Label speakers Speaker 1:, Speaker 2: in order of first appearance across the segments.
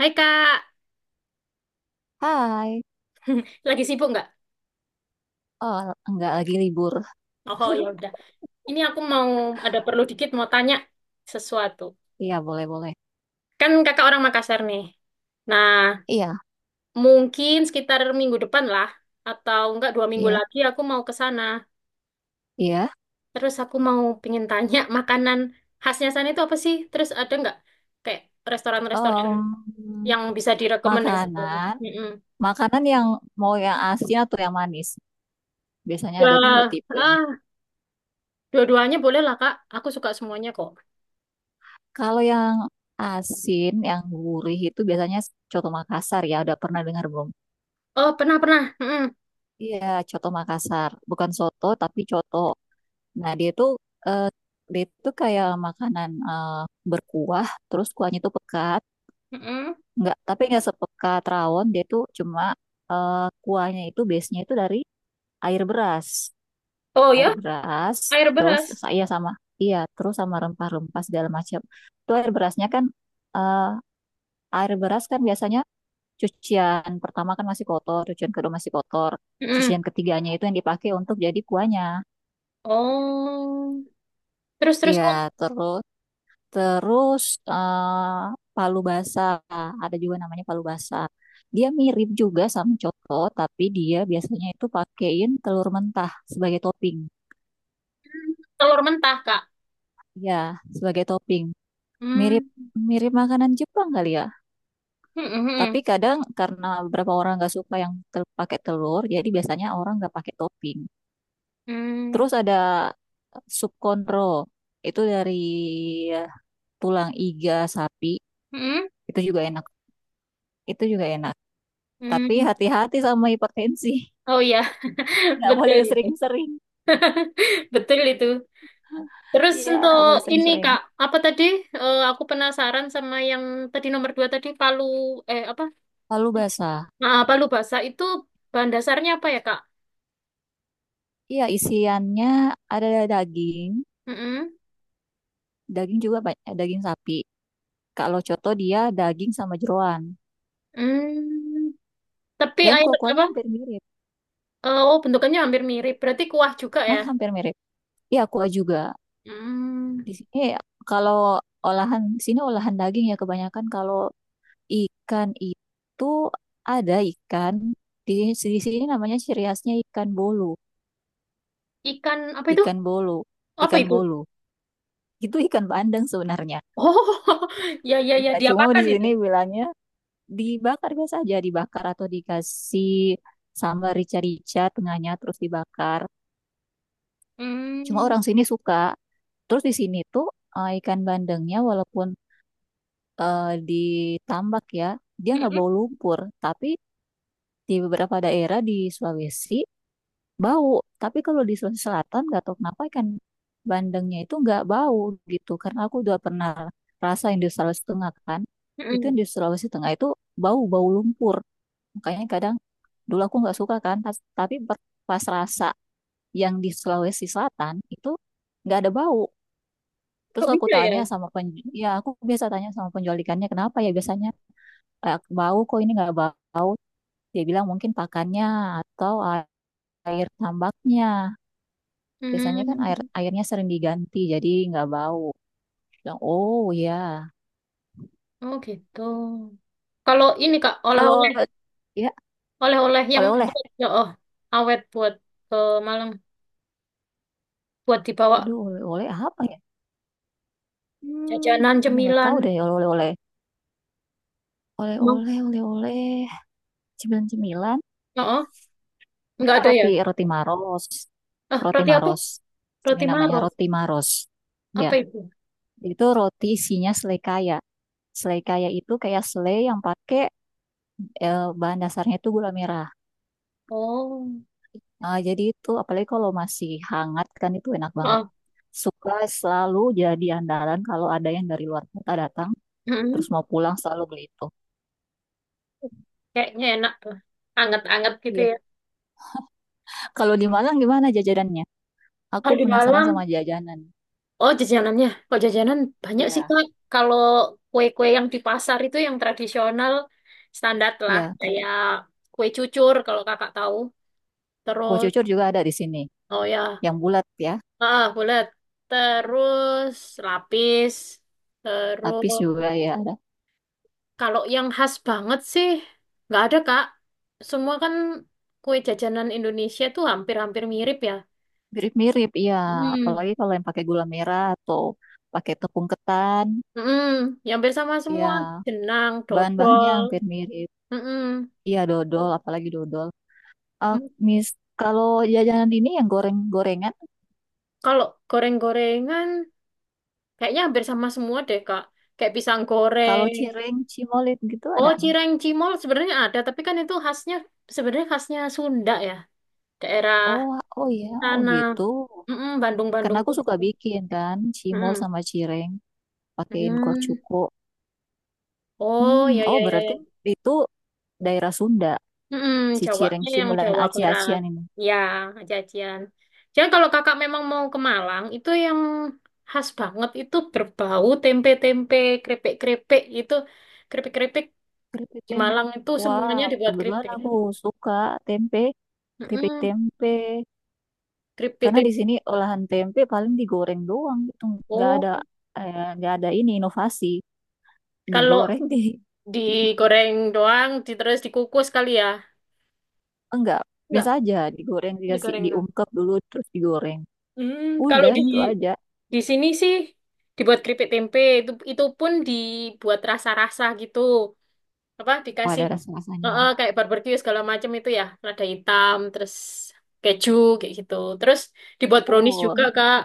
Speaker 1: Hai Kak,
Speaker 2: Hai.
Speaker 1: lagi sibuk nggak?
Speaker 2: Oh, enggak, lagi libur.
Speaker 1: Oh ya udah. Ini aku mau ada perlu dikit mau tanya sesuatu.
Speaker 2: Iya, boleh-boleh.
Speaker 1: Kan Kakak orang Makassar nih. Nah,
Speaker 2: Iya,
Speaker 1: mungkin sekitar minggu depan lah, atau enggak dua minggu
Speaker 2: iya,
Speaker 1: lagi aku mau ke sana.
Speaker 2: iya.
Speaker 1: Terus aku mau pengen tanya makanan khasnya sana itu apa sih? Terus ada nggak kayak restoran-restoran
Speaker 2: Em,
Speaker 1: yang bisa direkomendasikan?
Speaker 2: makanan,
Speaker 1: Mm-mm.
Speaker 2: makanan yang mau yang asin atau yang manis. Biasanya
Speaker 1: Ya,
Speaker 2: ada dua tipe ini.
Speaker 1: ah, dua-duanya boleh lah Kak. Aku suka semuanya kok.
Speaker 2: Kalau yang asin, yang gurih itu biasanya coto Makassar, ya, udah pernah dengar belum?
Speaker 1: Oh pernah pernah. Mm-mm.
Speaker 2: Iya, coto Makassar. Bukan soto, tapi coto. Nah, eh, dia itu kayak makanan berkuah, terus kuahnya itu pekat.
Speaker 1: Mm-mm.
Speaker 2: Nggak, tapi nggak sepeka rawon. Dia tuh cuma kuahnya itu base-nya itu dari air beras,
Speaker 1: Oh
Speaker 2: air
Speaker 1: ya.
Speaker 2: beras.
Speaker 1: Air
Speaker 2: Terus
Speaker 1: beras.
Speaker 2: saya sama iya, terus sama rempah-rempah segala macam. Itu air berasnya kan eh, air beras kan biasanya cucian pertama kan masih kotor, cucian kedua masih kotor, cucian
Speaker 1: Mm-mm.
Speaker 2: ketiganya itu yang dipakai untuk jadi kuahnya.
Speaker 1: Oh. Terus terus
Speaker 2: Iya,
Speaker 1: kok.
Speaker 2: terus. Terus eh, palu basah, ada juga namanya palu basah. Dia mirip juga sama coto, tapi dia biasanya itu pakein telur mentah sebagai topping.
Speaker 1: mm, Telur mentah, Kak.
Speaker 2: Ya, sebagai topping. Mirip
Speaker 1: Hmm.
Speaker 2: mirip makanan Jepang kali ya.
Speaker 1: Mm-mm, mm-mm.
Speaker 2: Tapi kadang karena beberapa orang nggak suka yang pakai telur, jadi biasanya orang nggak pakai topping.
Speaker 1: Mm,
Speaker 2: Terus ada sup konro, itu dari tulang iga sapi,
Speaker 1: mm-mm,
Speaker 2: itu juga enak. Itu juga enak. Tapi
Speaker 1: mm.
Speaker 2: hati-hati sama hipertensi.
Speaker 1: Oh ya,
Speaker 2: Nggak
Speaker 1: betul
Speaker 2: boleh
Speaker 1: itu.
Speaker 2: sering-sering.
Speaker 1: Betul itu. Terus
Speaker 2: Iya,
Speaker 1: untuk
Speaker 2: nggak boleh
Speaker 1: ini,
Speaker 2: sering-sering.
Speaker 1: Kak, apa tadi? Eh, aku penasaran sama yang tadi nomor dua tadi palu eh apa?
Speaker 2: Lalu basah.
Speaker 1: Nah, palu basah itu bahan dasarnya apa ya, Kak?
Speaker 2: Iya, isiannya ada daging.
Speaker 1: Mm-mm.
Speaker 2: Daging sapi. Kalau coto dia daging sama jeroan.
Speaker 1: Mm. Tapi
Speaker 2: Dan
Speaker 1: air
Speaker 2: kuah-kuahnya
Speaker 1: apa?
Speaker 2: hampir mirip.
Speaker 1: Eh, oh, bentukannya hampir mirip. Berarti kuah juga ya.
Speaker 2: Mas hampir mirip. Iya, kuah juga.
Speaker 1: Hmm.
Speaker 2: Di sini kalau olahan, sini olahan daging ya kebanyakan. Kalau ikan itu ada ikan. Di sini namanya ciri khasnya ikan bolu.
Speaker 1: Ikan apa itu?
Speaker 2: Ikan bolu.
Speaker 1: Apa
Speaker 2: Ikan
Speaker 1: itu?
Speaker 2: bolu. Itu ikan bandeng sebenarnya.
Speaker 1: Oh, ya ya ya
Speaker 2: Iya, cuma di
Speaker 1: diapakan itu?
Speaker 2: sini bilangnya dibakar biasa aja, dibakar atau dikasih sambal rica-rica tengahnya terus dibakar. Cuma
Speaker 1: Hmm.
Speaker 2: orang sini suka. Terus di sini tuh ikan bandengnya walaupun ditambak ya, dia nggak
Speaker 1: Mm-mm,
Speaker 2: bau lumpur. Tapi di beberapa daerah di Sulawesi bau. Tapi kalau di Sulawesi Selatan nggak tahu kenapa ikan bandengnya itu nggak bau gitu. Karena aku udah pernah rasain di Sulawesi Tengah kan. Itu
Speaker 1: mm-mm.
Speaker 2: yang di Sulawesi Tengah itu bau-bau lumpur. Makanya kadang dulu aku nggak suka, kan. Tapi pas rasa yang di Sulawesi Selatan itu nggak ada bau.
Speaker 1: Kok
Speaker 2: Terus aku
Speaker 1: bisa ya?
Speaker 2: tanya sama penjual, ya aku biasa tanya sama penjual ikannya kenapa ya biasanya, "Eh, bau, kok ini nggak bau." Dia bilang mungkin pakannya atau air tambaknya. Biasanya kan
Speaker 1: Hmm.
Speaker 2: airnya sering diganti jadi nggak bau. Bilang, oh ya.
Speaker 1: Oh gitu. Kalau ini Kak, oleh-oleh
Speaker 2: Kalau ya
Speaker 1: oleh-oleh yang
Speaker 2: oleh-oleh.
Speaker 1: awet ya. Oh, awet buat ke Malang, buat dibawa
Speaker 2: Aduh, oleh-oleh apa ya? Hmm,
Speaker 1: jajanan
Speaker 2: aduh nggak
Speaker 1: cemilan.
Speaker 2: tahu deh oleh-oleh.
Speaker 1: Mau?
Speaker 2: Oleh-oleh, oleh-oleh. Cemilan-cemilan.
Speaker 1: Oh, oh. Nggak
Speaker 2: Ah,
Speaker 1: ada ya?
Speaker 2: roti roti Maros.
Speaker 1: Ah,
Speaker 2: Roti
Speaker 1: roti apa?
Speaker 2: Maros. Ini
Speaker 1: Roti
Speaker 2: namanya
Speaker 1: Maro.
Speaker 2: roti Maros. Ya,
Speaker 1: Apa itu?
Speaker 2: itu roti isinya selai kaya. Selai kaya itu kayak selai yang pakai bahan dasarnya itu gula merah.
Speaker 1: Oh.
Speaker 2: Ah, jadi itu apalagi kalau masih hangat kan itu enak banget.
Speaker 1: Oh.
Speaker 2: Suka selalu jadi andalan kalau ada yang dari luar kota datang, terus
Speaker 1: Mm-mm.
Speaker 2: mau pulang selalu beli itu.
Speaker 1: Kayaknya enak tuh. Anget-anget gitu
Speaker 2: Iya.
Speaker 1: ya.
Speaker 2: Kalau di Malang gimana jajanannya? Aku
Speaker 1: Kalau di
Speaker 2: penasaran
Speaker 1: Malang.
Speaker 2: sama jajanan.
Speaker 1: Oh, jajanannya. Kok jajanan banyak sih,
Speaker 2: Ya,
Speaker 1: Kak. Kalau kue-kue yang di pasar itu yang tradisional standar lah.
Speaker 2: ya.
Speaker 1: Kayak kue cucur kalau kakak tahu.
Speaker 2: Kue
Speaker 1: Terus,
Speaker 2: cucur juga ada di sini.
Speaker 1: oh ya,
Speaker 2: Yang bulat ya,
Speaker 1: bulat. Terus lapis.
Speaker 2: lapis
Speaker 1: Terus,
Speaker 2: juga ya ada.
Speaker 1: kalau yang khas banget sih, nggak ada, Kak. Semua kan kue jajanan Indonesia tuh hampir-hampir mirip ya.
Speaker 2: Mirip-mirip, iya.
Speaker 1: Hmm.
Speaker 2: Apalagi kalau yang pakai gula merah atau pakai tepung ketan,
Speaker 1: Mm-mm. Ya, hampir sama semua.
Speaker 2: ya.
Speaker 1: Jenang,
Speaker 2: Bahan-bahannya
Speaker 1: dodol.
Speaker 2: hampir mirip.
Speaker 1: Mm-mm.
Speaker 2: Iya, dodol, apalagi dodol. Ah, mis, kalau jajanan ini yang goreng-gorengan,
Speaker 1: Kalau goreng-gorengan, kayaknya hampir sama semua deh, Kak. Kayak pisang
Speaker 2: kalau
Speaker 1: goreng.
Speaker 2: cireng, cimolit gitu
Speaker 1: Oh,
Speaker 2: ada.
Speaker 1: cireng cimol sebenarnya ada, tapi kan itu khasnya, sebenarnya khasnya Sunda ya. Daerah
Speaker 2: Oh, oh iya, oh
Speaker 1: sana.
Speaker 2: gitu.
Speaker 1: Mm-mm,
Speaker 2: Karena
Speaker 1: Bandung-Bandung
Speaker 2: aku
Speaker 1: gitu.
Speaker 2: suka bikin kan, cimol
Speaker 1: Mm-mm.
Speaker 2: sama cireng, pakein kuah
Speaker 1: Hmm.
Speaker 2: cuko.
Speaker 1: Oh,
Speaker 2: Hmm,
Speaker 1: ya,
Speaker 2: oh
Speaker 1: ya, ya,
Speaker 2: berarti
Speaker 1: ya.
Speaker 2: itu daerah Sunda,
Speaker 1: Mm-mm,
Speaker 2: si cireng,
Speaker 1: Jawanya yang
Speaker 2: cimol dan
Speaker 1: Jawa Barat.
Speaker 2: aci-acian ini.
Speaker 1: Ya, jajan. Jangan kalau kakak memang mau ke Malang, itu yang khas banget itu berbau tempe-tempe, krepek-krepek itu. Keripik-keripik.
Speaker 2: Keripik
Speaker 1: Di
Speaker 2: tempe.
Speaker 1: Malang itu
Speaker 2: Wah,
Speaker 1: semuanya dibuat
Speaker 2: kebetulan
Speaker 1: keripik.
Speaker 2: aku suka tempe, keripik
Speaker 1: Mm-mm,
Speaker 2: tempe.
Speaker 1: keripik
Speaker 2: Karena di sini olahan tempe paling digoreng doang gitu, nggak ada
Speaker 1: tempo.
Speaker 2: nggak ada ini inovasi,
Speaker 1: Kalau
Speaker 2: digoreng di
Speaker 1: digoreng doang, terus dikukus kali ya?
Speaker 2: enggak, biasa
Speaker 1: Enggak,
Speaker 2: aja digoreng dikasih
Speaker 1: digoreng doang.
Speaker 2: diungkep dulu terus digoreng.
Speaker 1: Hmm, kalau
Speaker 2: Udah
Speaker 1: di
Speaker 2: itu aja.
Speaker 1: di sini sih dibuat keripik tempe itu pun dibuat rasa-rasa gitu. Apa
Speaker 2: Oh,
Speaker 1: dikasih
Speaker 2: ada rasa-rasanya.
Speaker 1: kayak barbeque segala macam itu ya, lada hitam, terus keju kayak gitu. Terus dibuat brownies juga,
Speaker 2: Oh,
Speaker 1: Kak.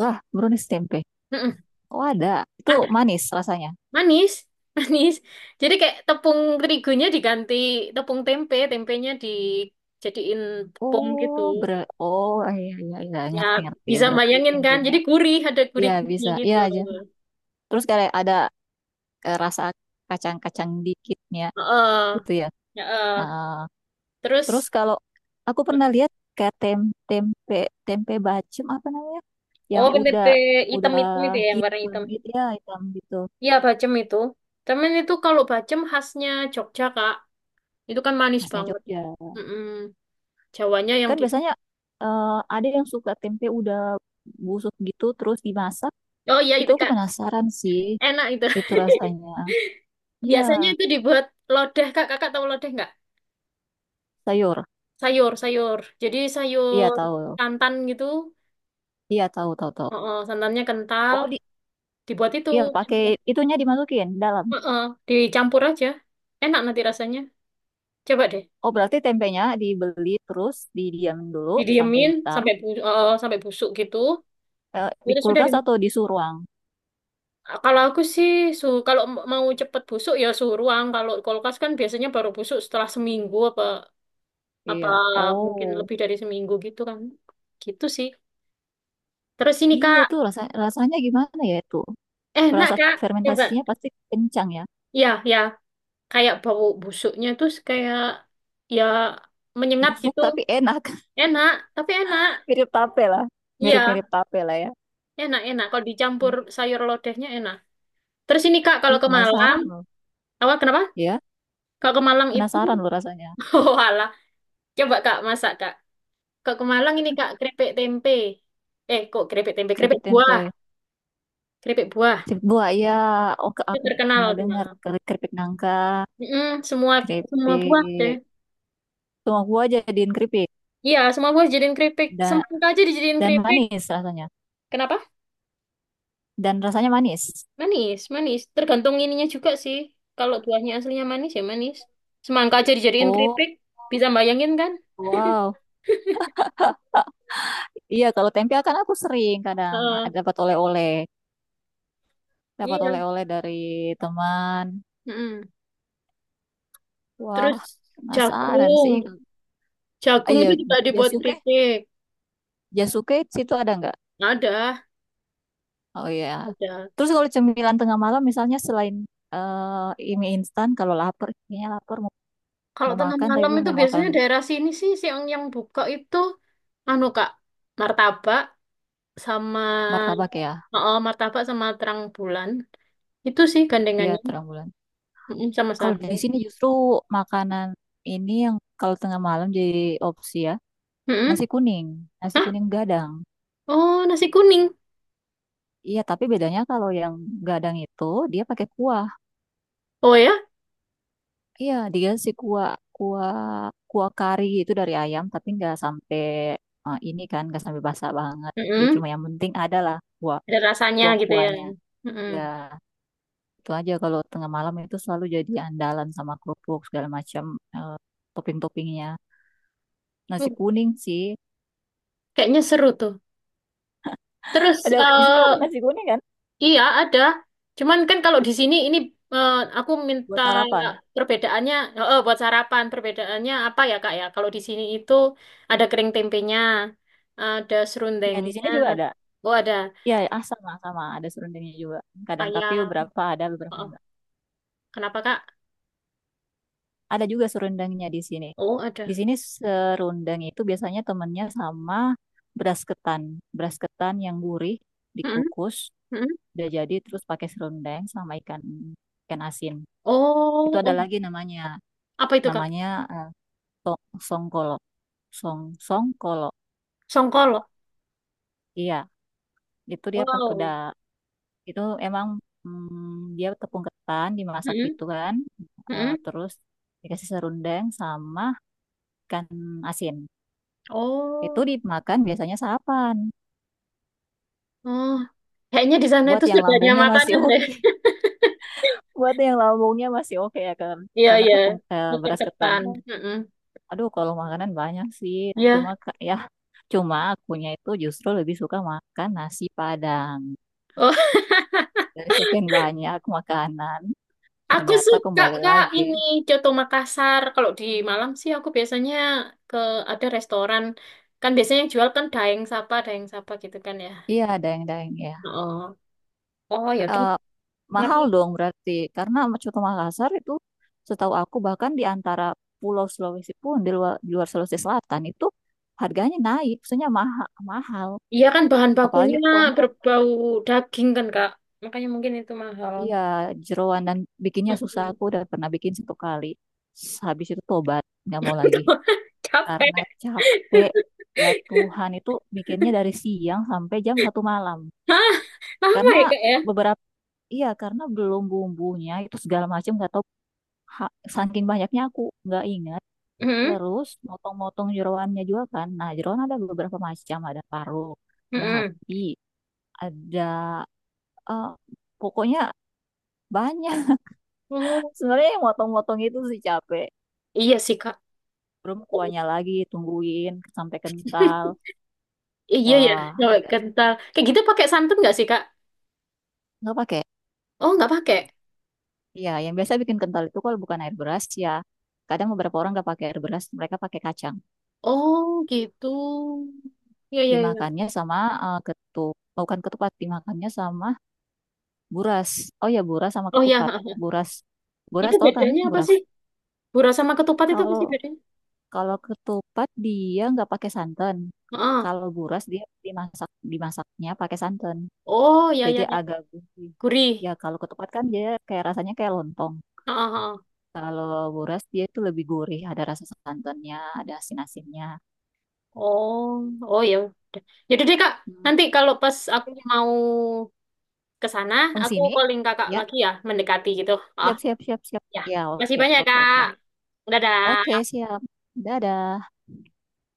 Speaker 2: ah, brownies tempe.
Speaker 1: Mm-mm.
Speaker 2: Oh, ada. Itu manis rasanya.
Speaker 1: Manis, manis. Jadi kayak tepung terigunya diganti tepung tempe, tempenya dijadiin tepung gitu.
Speaker 2: Oh, oh iya iya iya
Speaker 1: Ya,
Speaker 2: ngerti ngerti.
Speaker 1: bisa
Speaker 2: Berarti
Speaker 1: bayangin kan?
Speaker 2: tempenya.
Speaker 1: Jadi gurih, ada
Speaker 2: Iya,
Speaker 1: gurih-gurihnya
Speaker 2: bisa. Iya
Speaker 1: gitu.
Speaker 2: aja. Terus kayak ada rasa kacang-kacang dikitnya
Speaker 1: Heeh,
Speaker 2: gitu ya.
Speaker 1: heeh.
Speaker 2: Ah, terus
Speaker 1: Terus,
Speaker 2: kalau aku pernah lihat kayak tempe tempe bacem apa namanya? Yang
Speaker 1: oh
Speaker 2: udah
Speaker 1: tempe hitam-hitam
Speaker 2: udah
Speaker 1: itu ya, yang warna
Speaker 2: hitam
Speaker 1: hitam.
Speaker 2: itu ya, hitam gitu.
Speaker 1: Iya, bacem itu. Cuman itu kalau bacem khasnya Jogja, Kak. Itu kan manis
Speaker 2: Khasnya
Speaker 1: banget.
Speaker 2: Jogja.
Speaker 1: Mm-mm. Jawanya yang
Speaker 2: Kan
Speaker 1: di...
Speaker 2: biasanya eh, ada yang suka tempe udah busuk gitu terus dimasak.
Speaker 1: Oh iya,
Speaker 2: Itu
Speaker 1: itu,
Speaker 2: aku
Speaker 1: Kak.
Speaker 2: penasaran sih
Speaker 1: Enak itu.
Speaker 2: itu rasanya. Iya,
Speaker 1: Biasanya itu dibuat lodeh, Kak. Kakak tahu lodeh nggak?
Speaker 2: sayur.
Speaker 1: Sayur, sayur. Jadi
Speaker 2: Iya
Speaker 1: sayur
Speaker 2: tahu.
Speaker 1: santan gitu.
Speaker 2: Iya tahu tahu tahu.
Speaker 1: Heeh, santannya kental.
Speaker 2: Oh,
Speaker 1: Dibuat itu.
Speaker 2: iya, pakai itunya dimasukin dalam.
Speaker 1: Heeh, dicampur aja. Enak nanti rasanya. Coba deh.
Speaker 2: Oh, berarti tempenya dibeli terus didiam dulu sampai
Speaker 1: Didiemin
Speaker 2: hitam
Speaker 1: sampai sampai busuk gitu.
Speaker 2: di
Speaker 1: Udah sudah di
Speaker 2: kulkas atau di suhu ruang.
Speaker 1: Kalau aku sih kalau mau cepet busuk ya suhu ruang. Kalau kulkas kan biasanya baru busuk setelah seminggu apa apa
Speaker 2: Iya.
Speaker 1: mungkin
Speaker 2: Oh,
Speaker 1: lebih dari seminggu gitu kan. Gitu sih. Terus ini
Speaker 2: iya
Speaker 1: Kak,
Speaker 2: itu rasanya gimana ya itu?
Speaker 1: enak
Speaker 2: Rasa
Speaker 1: Kak. Coba.
Speaker 2: fermentasinya pasti kencang ya.
Speaker 1: Ya, ya. Kayak bau busuknya tuh kayak, ya, menyengat
Speaker 2: Busuk
Speaker 1: gitu.
Speaker 2: tapi enak.
Speaker 1: Enak, tapi enak.
Speaker 2: Mirip tape lah.
Speaker 1: Iya,
Speaker 2: Mirip-mirip tape lah ya.
Speaker 1: enak enak kalau dicampur
Speaker 2: Iya.
Speaker 1: sayur lodehnya enak. Terus ini kak, kalau
Speaker 2: Ih,
Speaker 1: ke Malang,
Speaker 2: penasaran loh.
Speaker 1: apa, kenapa,
Speaker 2: Ya,
Speaker 1: kalau ke Malang itu,
Speaker 2: penasaran loh rasanya.
Speaker 1: oh alah, coba kak, masak kak, kalau ke Malang ini kak keripik tempe, kok keripik tempe
Speaker 2: Keripik
Speaker 1: keripik buah,
Speaker 2: tempe.
Speaker 1: keripik buah
Speaker 2: Keripik buah, ya. Oh,
Speaker 1: itu
Speaker 2: aku
Speaker 1: terkenal
Speaker 2: pernah
Speaker 1: di
Speaker 2: dengar.
Speaker 1: Malang.
Speaker 2: Keripik nangka,
Speaker 1: Mm-mm, semua semua buah deh.
Speaker 2: keripik. Cuma gua jadiin keripik.
Speaker 1: Iya, semua buah dijadiin keripik,
Speaker 2: Dan,
Speaker 1: semangka aja dijadiin
Speaker 2: dan
Speaker 1: keripik.
Speaker 2: manis rasanya.
Speaker 1: Kenapa?
Speaker 2: Dan rasanya manis.
Speaker 1: Manis, manis. Tergantung ininya juga sih. Kalau buahnya aslinya manis ya manis. Semangka aja dijadiin
Speaker 2: Oh,
Speaker 1: keripik. Bisa bayangin kan?
Speaker 2: wow. Iya, kalau tempe kan aku sering kadang
Speaker 1: Heeh,
Speaker 2: dapat oleh-oleh. Dapat
Speaker 1: iya.
Speaker 2: oleh-oleh dari teman.
Speaker 1: Mm-mm.
Speaker 2: Wah,
Speaker 1: Terus
Speaker 2: penasaran sih.
Speaker 1: jagung. Jagung
Speaker 2: Iya,
Speaker 1: itu juga dibuat
Speaker 2: jasuke.
Speaker 1: keripik.
Speaker 2: Jasuke situ ada nggak?
Speaker 1: Ada,
Speaker 2: Oh ya.
Speaker 1: ada.
Speaker 2: Terus kalau cemilan tengah malam misalnya selain mie instan kalau lapar kayaknya lapar mau,
Speaker 1: Kalau
Speaker 2: mau
Speaker 1: tengah
Speaker 2: makan tapi
Speaker 1: malam itu
Speaker 2: mau makan
Speaker 1: biasanya daerah sini sih sih yang buka itu anu Kak, martabak sama
Speaker 2: martabak ya.
Speaker 1: sama terang bulan. Itu sih
Speaker 2: Iya,
Speaker 1: gandengannya.
Speaker 2: terang bulan.
Speaker 1: Mm-mm, sama
Speaker 2: Kalau
Speaker 1: sate.
Speaker 2: di sini justru makanan ini yang kalau tengah malam jadi opsi ya. Nasi
Speaker 1: Mm-mm.
Speaker 2: kuning, nasi
Speaker 1: Hah?
Speaker 2: kuning gadang.
Speaker 1: Oh, nasi kuning.
Speaker 2: Iya, tapi bedanya kalau yang gadang itu dia pakai kuah.
Speaker 1: Oh ya?
Speaker 2: Iya, dia si kuah kuah kuah kari itu dari ayam tapi nggak sampai ini kan nggak sampai basah banget. Dia
Speaker 1: Mm-mm.
Speaker 2: cuma yang penting ada lah
Speaker 1: Ada rasanya gitu ya.
Speaker 2: kuah-kuahnya.
Speaker 1: Mm-mm.
Speaker 2: Ya, itu aja kalau tengah malam itu selalu jadi andalan sama kerupuk segala macam eh, topping-toppingnya.
Speaker 1: Uh,
Speaker 2: Nasi kuning sih.
Speaker 1: Kayaknya seru tuh. Terus,
Speaker 2: Di situ ada nasi kuning kan
Speaker 1: iya ada. Cuman kan kalau di sini ini, aku minta
Speaker 2: buat sarapan.
Speaker 1: perbedaannya, buat sarapan, perbedaannya apa ya Kak ya? Kalau di sini itu ada kering tempenya, ada
Speaker 2: Ya, di
Speaker 1: serundengnya.
Speaker 2: sini juga ada.
Speaker 1: Oh ada
Speaker 2: Ya, ah, sama sama ada serundengnya juga. Kadang tapi
Speaker 1: ayam.
Speaker 2: beberapa ada, beberapa
Speaker 1: Oh,
Speaker 2: enggak.
Speaker 1: kenapa Kak?
Speaker 2: Ada juga serundengnya di sini.
Speaker 1: Oh
Speaker 2: Di
Speaker 1: ada.
Speaker 2: sini serundeng itu biasanya temennya sama beras ketan. Beras ketan yang gurih
Speaker 1: Mm-mm.
Speaker 2: dikukus
Speaker 1: Mm-mm.
Speaker 2: udah jadi terus pakai serundeng sama ikan ikan asin. Itu
Speaker 1: Oh,
Speaker 2: ada
Speaker 1: oh.
Speaker 2: lagi namanya,
Speaker 1: Apa itu Kak?
Speaker 2: namanya eh, songkolo, song songkolo.
Speaker 1: Songkol.
Speaker 2: Iya, itu dia pas udah
Speaker 1: Wow.
Speaker 2: itu emang dia tepung ketan dimasak
Speaker 1: Mm-mm.
Speaker 2: gitu kan. Eh,
Speaker 1: Mm-mm.
Speaker 2: terus dikasih serundeng sama ikan asin. Itu
Speaker 1: Oh.
Speaker 2: dimakan biasanya sarapan.
Speaker 1: Oh, kayaknya di sana
Speaker 2: Buat
Speaker 1: itu
Speaker 2: yang
Speaker 1: sebanyak
Speaker 2: lambungnya masih
Speaker 1: makanan deh.
Speaker 2: oke, buat yang lambungnya masih oke ya kan,
Speaker 1: Iya,
Speaker 2: karena
Speaker 1: iya.
Speaker 2: tepung
Speaker 1: Nuker
Speaker 2: beras ketan
Speaker 1: ketan.
Speaker 2: kan.
Speaker 1: Mm-mm.
Speaker 2: Aduh, kalau makanan banyak sih, cuma
Speaker 1: Iya.
Speaker 2: ya cuma akunya itu justru lebih suka makan nasi Padang.
Speaker 1: Oh,
Speaker 2: Dari sekian banyak makanan,
Speaker 1: aku
Speaker 2: ternyata
Speaker 1: suka
Speaker 2: kembali
Speaker 1: Kak
Speaker 2: lagi.
Speaker 1: ini Coto Makassar. Kalau di Malam sih aku biasanya ke ada restoran, kan biasanya yang jual kan daeng sapa gitu kan ya.
Speaker 2: Iya, daeng-daeng ya.
Speaker 1: Oh. Oh, ya udah.
Speaker 2: Eh,
Speaker 1: Kenapa,
Speaker 2: mahal
Speaker 1: ya?
Speaker 2: dong berarti, karena coto Makassar itu setahu aku bahkan di antara Pulau Sulawesi pun di luar, Sulawesi Selatan itu harganya naik, maksudnya mahal, mahal.
Speaker 1: Iya kan bahan
Speaker 2: Apalagi
Speaker 1: bakunya
Speaker 2: kontrol,
Speaker 1: berbau daging kan Kak. Makanya mungkin itu mahal.
Speaker 2: iya jeroan dan bikinnya susah.
Speaker 1: Mm-mm.
Speaker 2: Aku udah pernah bikin satu kali, habis itu tobat, nggak mau lagi
Speaker 1: Capek.
Speaker 2: karena capek. Ya Tuhan, itu bikinnya dari siang sampai jam 1 malam.
Speaker 1: Hah? Lama
Speaker 2: Karena
Speaker 1: ya Kak
Speaker 2: beberapa Iya karena belum bumbunya itu segala macam nggak tahu saking banyaknya aku nggak ingat.
Speaker 1: ya?
Speaker 2: Terus motong-motong jeroannya juga kan, nah jeroan ada beberapa macam, ada paru, ada
Speaker 1: Mm-mm.
Speaker 2: hati, ada eh, pokoknya banyak.
Speaker 1: Oh,
Speaker 2: Sebenarnya yang motong-motong itu sih capek,
Speaker 1: iya sih, Kak.
Speaker 2: belum kuahnya lagi tungguin sampai kental,
Speaker 1: Iya ya,
Speaker 2: wah
Speaker 1: cewek
Speaker 2: udah.
Speaker 1: kental. Kayak gitu pakai santan nggak sih, Kak?
Speaker 2: Nggak pakai.
Speaker 1: Oh, nggak pakai.
Speaker 2: Iya yang biasa bikin kental itu kalau bukan air beras ya kadang beberapa orang nggak pakai air beras mereka pakai kacang.
Speaker 1: Oh, gitu. Iya, iya, iya.
Speaker 2: Dimakannya sama bukan ketupat, dimakannya sama buras. Oh ya, buras sama
Speaker 1: Oh, ya.
Speaker 2: ketupat. buras buras
Speaker 1: Itu
Speaker 2: tau kan,
Speaker 1: bedanya apa
Speaker 2: buras?
Speaker 1: sih? Gurah sama ketupat itu apa
Speaker 2: Kalau
Speaker 1: sih bedanya?
Speaker 2: kalau ketupat dia nggak pakai santan,
Speaker 1: Ah.
Speaker 2: kalau buras dia dimasaknya pakai santan,
Speaker 1: Oh, iya,
Speaker 2: jadi
Speaker 1: iya, iya.
Speaker 2: agak gurih
Speaker 1: Gurih.
Speaker 2: ya. Kalau ketupat kan dia kayak rasanya kayak lontong,
Speaker 1: Ah. Heeh.
Speaker 2: kalau buras dia itu lebih gurih, ada rasa santannya, ada asin asinnya.
Speaker 1: Oh, oh ya udah. Jadi deh, Kak.
Speaker 2: Hmm.
Speaker 1: Nanti kalau pas
Speaker 2: Oke
Speaker 1: aku
Speaker 2: oke.
Speaker 1: mau ke sana,
Speaker 2: Oh
Speaker 1: aku
Speaker 2: sini
Speaker 1: calling Kakak
Speaker 2: ya,
Speaker 1: lagi ya, mendekati gitu. Oh,
Speaker 2: siap siap siap siap
Speaker 1: ya.
Speaker 2: ya
Speaker 1: Masih
Speaker 2: oke
Speaker 1: banyak,
Speaker 2: oke
Speaker 1: Kak.
Speaker 2: oke. Oke,
Speaker 1: Dadah.
Speaker 2: siap. Dadah.